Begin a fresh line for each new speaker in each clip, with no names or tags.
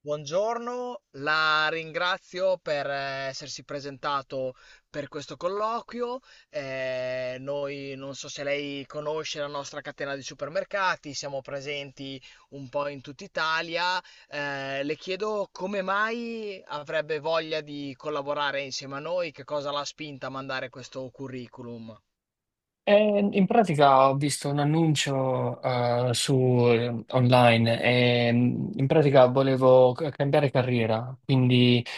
Buongiorno, la ringrazio per essersi presentato per questo colloquio. Noi non so se lei conosce la nostra catena di supermercati, siamo presenti un po' in tutta Italia. Le chiedo come mai avrebbe voglia di collaborare insieme a noi. Che cosa l'ha spinta a mandare questo curriculum?
In pratica ho visto un annuncio su online e in pratica volevo cambiare carriera, quindi eh,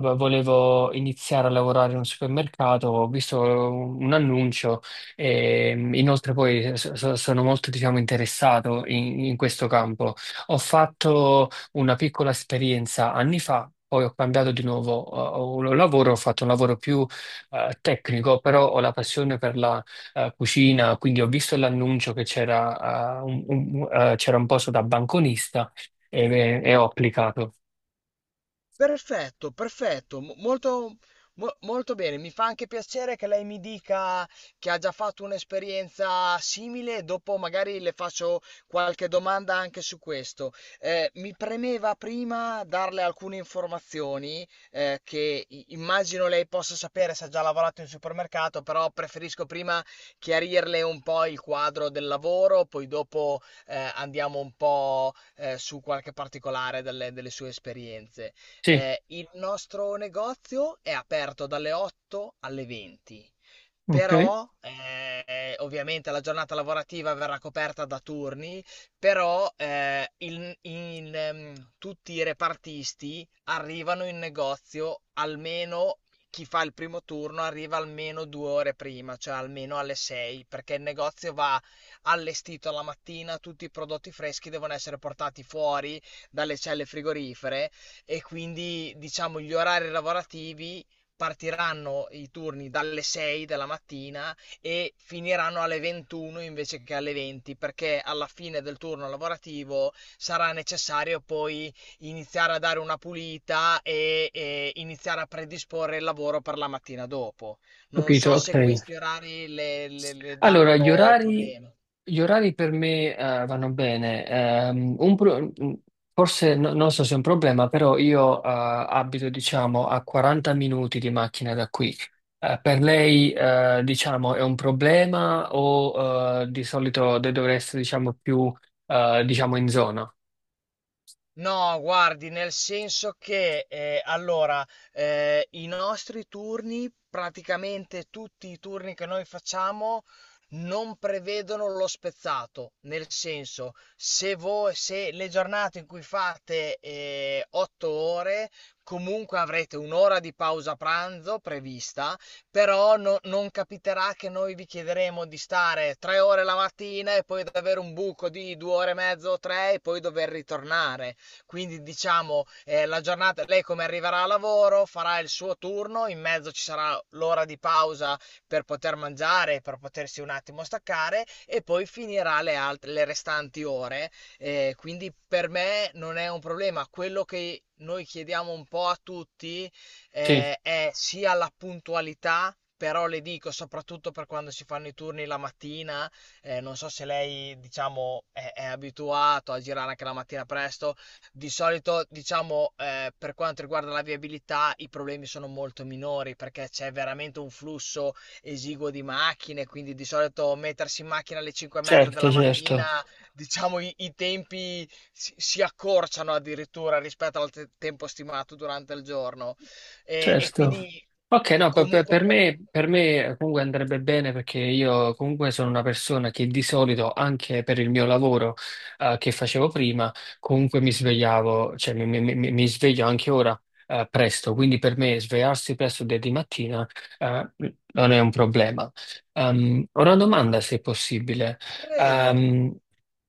volevo iniziare a lavorare in un supermercato, ho visto un annuncio e inoltre poi sono molto, diciamo, interessato in questo campo. Ho fatto una piccola esperienza anni fa. Poi ho cambiato di nuovo lavoro, ho fatto un lavoro più tecnico, però ho la passione per la cucina, quindi ho visto l'annuncio che c'era c'era un posto da banconista e ho applicato.
Perfetto, perfetto, molto, molto bene. Mi fa anche piacere che lei mi dica che ha già fatto un'esperienza simile. Dopo magari le faccio qualche domanda anche su questo. Mi premeva prima darle alcune informazioni che immagino lei possa sapere se ha già lavorato in supermercato, però preferisco prima chiarirle un po' il quadro del lavoro, poi dopo andiamo un po' su qualche particolare delle sue esperienze.
Sì,
Il nostro negozio è aperto dalle 8 alle 20,
ok,
però ovviamente la giornata lavorativa verrà coperta da turni, però tutti i repartisti arrivano in negozio almeno, chi fa il primo turno arriva almeno 2 ore prima, cioè almeno alle 6, perché il negozio va allestito la mattina, tutti i prodotti freschi devono essere portati fuori dalle celle frigorifere e quindi diciamo gli orari lavorativi, partiranno i turni dalle 6 della mattina e finiranno alle 21 invece che alle 20, perché alla fine del turno lavorativo sarà necessario poi iniziare a dare una pulita e, iniziare a predisporre il lavoro per la mattina dopo. Non
capito,
so
ok.
se questi orari le danno
Allora, gli orari,
problemi.
gli orari per me vanno bene. Forse non so se è un problema, però io abito, diciamo, a 40 minuti di macchina da qui. Per lei, diciamo, è un problema o di solito dovreste, diciamo, più diciamo in zona?
No, guardi, nel senso che allora, i nostri turni, praticamente tutti i turni che noi facciamo, non prevedono lo spezzato. Nel senso, se voi, se le giornate in cui fate 8 ore, comunque avrete un'ora di pausa pranzo prevista, però non capiterà che noi vi chiederemo di stare 3 ore la mattina e poi di avere un buco di 2 ore e mezzo o tre e poi dover ritornare. Quindi diciamo, la giornata, lei come arriverà a lavoro, farà il suo turno, in mezzo ci sarà l'ora di pausa per poter mangiare, per potersi un attimo staccare e poi finirà le restanti ore. Quindi per me non è un problema. Quello che noi chiediamo un po' a tutti
Sì,
è sia la puntualità, però le dico soprattutto per quando si fanno i turni la mattina, non so se lei, diciamo, è abituato a girare anche la mattina presto. Di solito, diciamo, per quanto riguarda la viabilità, i problemi sono molto minori perché c'è veramente un flusso esiguo di macchine, quindi di solito mettersi in macchina alle 5 e mezza
certo,
della mattina,
certo,
diciamo, i tempi si accorciano addirittura rispetto al tempo stimato durante il giorno. E
certo.
quindi
Ok, no,
comunque.
per me comunque andrebbe bene perché io comunque sono una persona che di solito, anche per il mio lavoro che facevo prima, comunque mi svegliavo, cioè mi sveglio anche ora presto, quindi per me svegliarsi presto di mattina eh, non è un problema. Ho una domanda se è possibile.
Prego.
Ehm,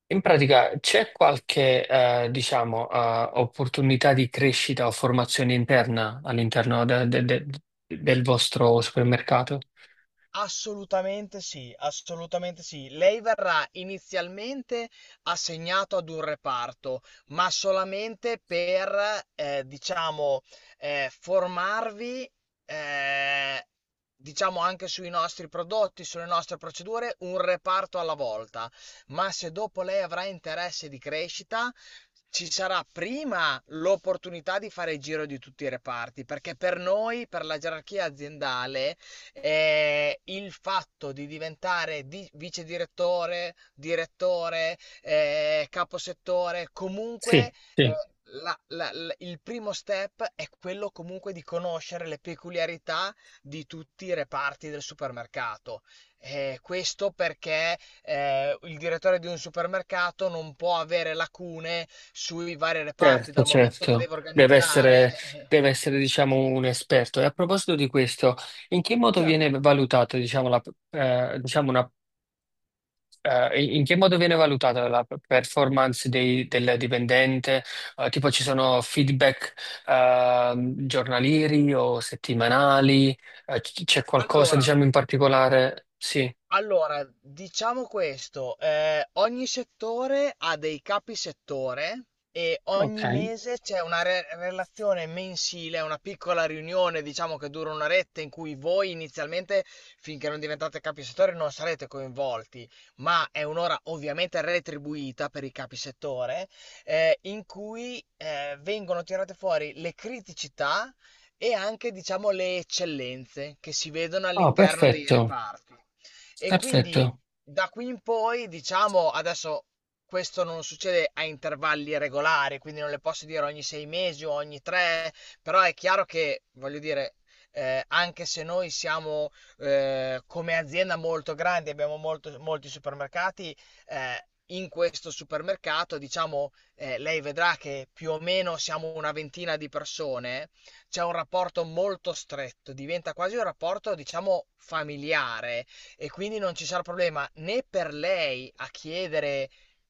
In pratica c'è qualche, diciamo, opportunità di crescita o formazione interna all'interno del vostro supermercato?
Assolutamente sì, assolutamente sì. Lei verrà inizialmente assegnato ad un reparto, ma solamente per, diciamo, formarvi, eh, diciamo, anche sui nostri prodotti, sulle nostre procedure, un reparto alla volta. Ma se dopo lei avrà interesse di crescita, ci sarà prima l'opportunità di fare il giro di tutti i reparti, perché per noi, per la gerarchia aziendale, il fatto di diventare vice direttore, direttore, caposettore, comunque,
Sì,
eh,
sì,
il primo step è quello comunque di conoscere le peculiarità di tutti i reparti del supermercato. Questo perché il direttore di un supermercato non può avere lacune sui vari reparti
certo,
dal momento che
certo.
deve
Deve
organizzare.
essere, deve essere, diciamo, un esperto. E a proposito di questo, in che modo
Certo.
viene valutata, diciamo, la, diciamo, una in in che modo viene valutata la performance del dipendente? Tipo ci sono feedback giornalieri o settimanali? C'è qualcosa,
Allora,
diciamo, in particolare? Sì,
Diciamo questo, ogni settore ha dei capi settore e
ok.
ogni mese c'è una relazione mensile, una piccola riunione, diciamo che dura un'oretta, in cui voi inizialmente, finché non diventate capi settore, non sarete coinvolti, ma è un'ora ovviamente retribuita per i capi settore, in cui vengono tirate fuori le criticità e anche, diciamo, le eccellenze che si vedono
Ah,
all'interno dei
perfetto,
reparti. E quindi
perfetto.
da qui in poi, diciamo, adesso questo non succede a intervalli regolari, quindi non le posso dire ogni 6 mesi o ogni tre, però è chiaro che, voglio dire, anche se noi siamo, come azienda molto grandi, abbiamo molti supermercati, eh, in questo supermercato, diciamo, lei vedrà che più o meno siamo una ventina di persone, c'è un rapporto molto stretto, diventa quasi un rapporto, diciamo, familiare, e quindi non ci sarà problema né per lei a chiedere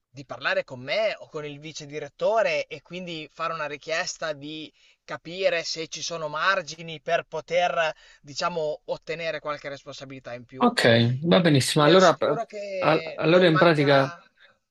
di parlare con me o con il vice direttore e quindi fare una richiesta di capire se ci sono margini per poter, diciamo, ottenere qualche responsabilità in più.
Ok, va
E
benissimo.
le
Allora,
assicuro che
allora
non
in pratica.
mancherà.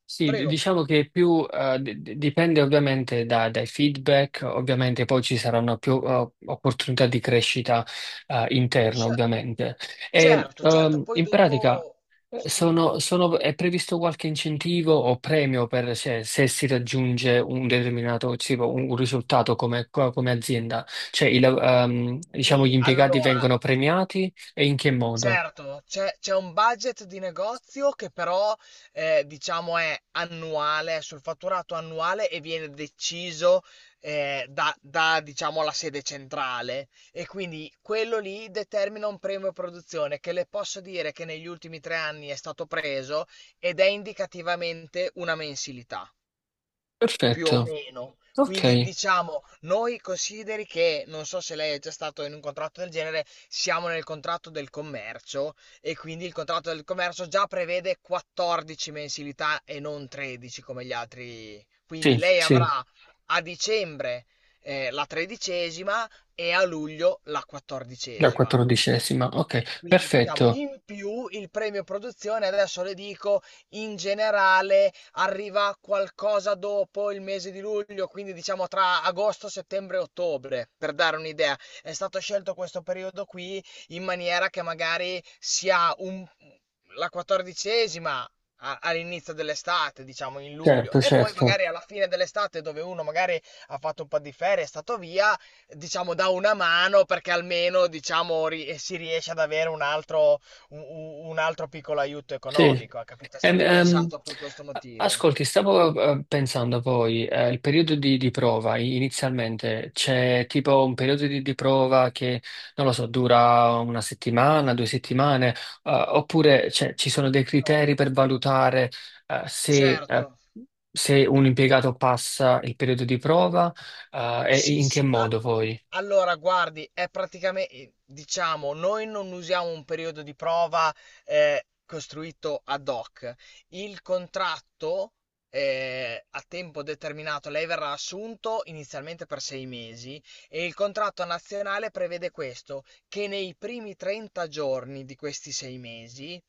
Sì,
Prego.
diciamo che più dipende ovviamente dai feedback, ovviamente poi ci saranno più opportunità di crescita interna,
Cer-
ovviamente. E,
certo, certo, poi
in pratica
dopo. Sì,
è previsto qualche incentivo o premio per se, se si raggiunge un determinato tipo, un risultato come azienda? Cioè, diciamo, gli
sì.
impiegati
Allora,
vengono premiati e in che modo?
certo, c'è un budget di negozio che però, diciamo, è annuale, è sul fatturato annuale e viene deciso, da, diciamo, la sede centrale, e quindi quello lì determina un premio produzione che le posso dire che negli ultimi 3 anni è stato preso ed è indicativamente una mensilità. Più o
Perfetto,
meno. Quindi
ok,
diciamo, noi consideri che, non so se lei è già stato in un contratto del genere, siamo nel contratto del commercio e quindi il contratto del commercio già prevede 14 mensilità e non 13 come gli altri. Quindi
sì,
lei
sì.
avrà a dicembre la tredicesima e a luglio la
La
quattordicesima.
quattordicesima, ok,
Quindi diciamo,
perfetto,
in più, il premio produzione, adesso le dico, in generale arriva qualcosa dopo il mese di luglio, quindi diciamo tra agosto, settembre e ottobre, per dare un'idea. È stato scelto questo periodo qui in maniera che magari sia la quattordicesima all'inizio dell'estate, diciamo in luglio,
certo,
e poi
certo,
magari alla fine dell'estate dove uno magari ha fatto un po' di ferie, è stato via, diciamo, dà una mano, perché almeno, diciamo, si riesce ad avere un, un altro piccolo aiuto
sì.
economico. È, capito? È
Ehm,
stato
ehm,
pensato per questo motivo.
Ascolti, stavo pensando a voi, il periodo di prova inizialmente, c'è tipo un periodo di prova che, non lo so, dura una settimana, due settimane, oppure cioè, ci sono dei
No,
criteri per valutare eh, se, eh,
certo.
se un impiegato passa il periodo di prova, e
Sì,
in che
sì.
modo voi?
Allora, guardi, è praticamente, diciamo, noi non usiamo un periodo di prova costruito ad hoc. Il contratto a tempo determinato, lei verrà assunto inizialmente per 6 mesi e il contratto nazionale prevede questo, che nei primi 30 giorni di questi 6 mesi,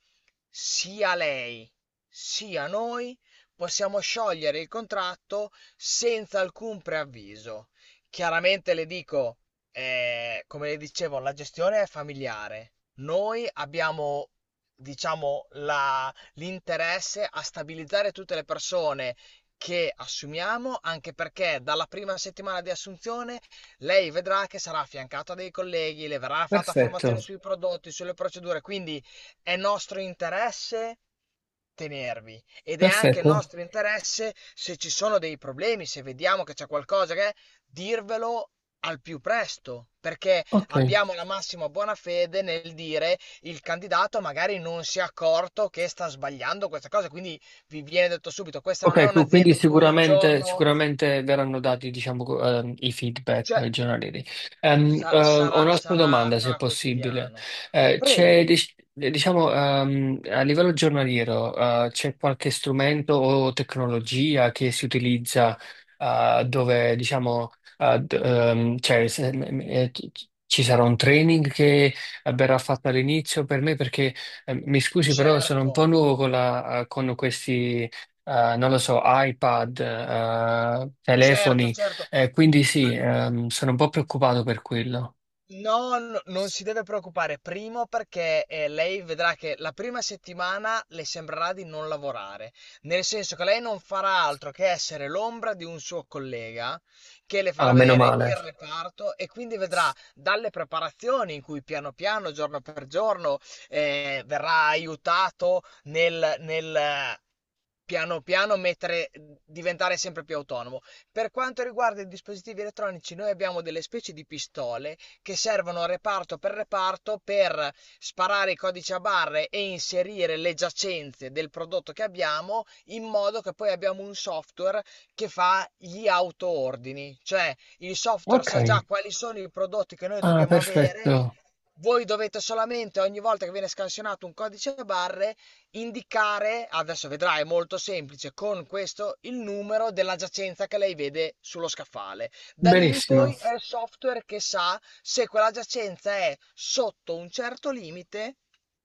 sia lei sia noi possiamo sciogliere il contratto senza alcun preavviso. Chiaramente le dico, come le dicevo, la gestione è familiare. Noi abbiamo, diciamo, l'interesse a stabilizzare tutte le persone che assumiamo, anche perché dalla prima settimana di assunzione lei vedrà che sarà affiancata a dei colleghi, le verrà fatta
Perfetto,
formazione sui prodotti, sulle procedure, quindi è nostro interesse tenervi, ed è anche
perfetto,
nostro interesse, se ci sono dei problemi, se vediamo che c'è qualcosa, che dirvelo al più presto, perché
ok.
abbiamo la massima buona fede nel dire il candidato magari non si è accorto che sta sbagliando questa cosa, quindi vi viene detto subito. Questa non è
Ok, quindi
un'azienda in cui un
sicuramente,
giorno,
sicuramente verranno dati, diciamo, i feedback
cioè,
giornalieri.
sa-
Ho
sarà,
un'altra
sarà,
domanda, se è
sarà
possibile.
quotidiano.
C'è,
Prego.
diciamo, a livello giornaliero, c'è qualche strumento o tecnologia che si utilizza, dove, diciamo, cioè, ci sarà un training che verrà fatto all'inizio per me perché mi scusi, però sono un
Certo,
po' nuovo con, con questi non lo so, iPad,
certo,
telefoni,
certo.
quindi sì, sono un po' preoccupato per quello.
No, non si deve preoccupare. Primo, perché lei vedrà che la prima settimana le sembrerà di non lavorare, nel senso che lei non farà altro che essere l'ombra di un suo collega che le
Ah,
farà
meno
vedere
male.
il reparto e quindi vedrà dalle preparazioni in cui piano piano, giorno per giorno, verrà aiutato nel, nel piano piano mettere, diventare sempre più autonomo. Per quanto riguarda i dispositivi elettronici, noi abbiamo delle specie di pistole che servono reparto per sparare i codici a barre e inserire le giacenze del prodotto che abbiamo, in modo che poi abbiamo un software che fa gli autoordini, cioè il software
Ok,
sa già quali sono i prodotti che noi
ah,
dobbiamo avere.
perfetto,
Voi dovete solamente, ogni volta che viene scansionato un codice a barre, indicare, adesso vedrai, è molto semplice, con questo il numero della giacenza che lei vede sullo scaffale. Da lì in
benissimo.
poi è il software che sa, se quella giacenza è sotto un certo limite,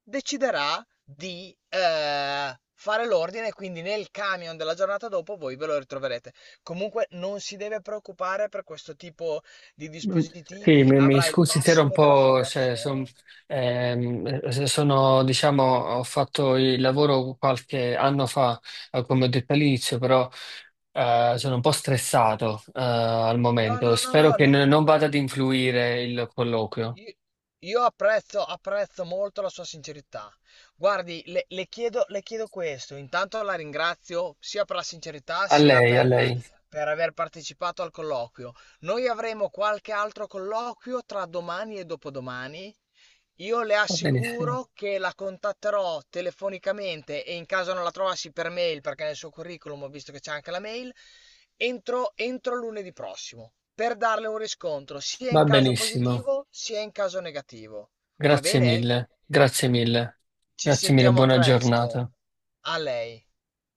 deciderà di fare l'ordine, e quindi nel camion della giornata dopo voi ve lo ritroverete. Comunque non si deve preoccupare per questo tipo di
Mm, Sì,
dispositivi,
mi
avrà il
scusi, se ero un
massimo della
po', cioè,
formazione.
se sono, diciamo, ho fatto il lavoro qualche anno fa, come ho detto all'inizio, però sono un po' stressato, al
No, no,
momento.
no,
Spero
no,
che
non si
non vada ad
preoccupi.
influire il colloquio.
Io, io apprezzo molto la sua sincerità. Guardi, le chiedo questo. Intanto la ringrazio sia per la sincerità
A
sia
lei, a
per,
lei.
aver partecipato al colloquio. Noi avremo qualche altro colloquio tra domani e dopodomani. Io le
Va benissimo,
assicuro che la contatterò telefonicamente, e in caso non la trovassi, per mail, perché nel suo curriculum ho visto che c'è anche la mail, entro lunedì prossimo, per darle un riscontro sia in
va
caso
benissimo.
positivo sia in caso negativo. Va
Grazie
bene?
mille, grazie mille,
Ci
grazie mille,
sentiamo
buona
presto.
giornata.
A lei.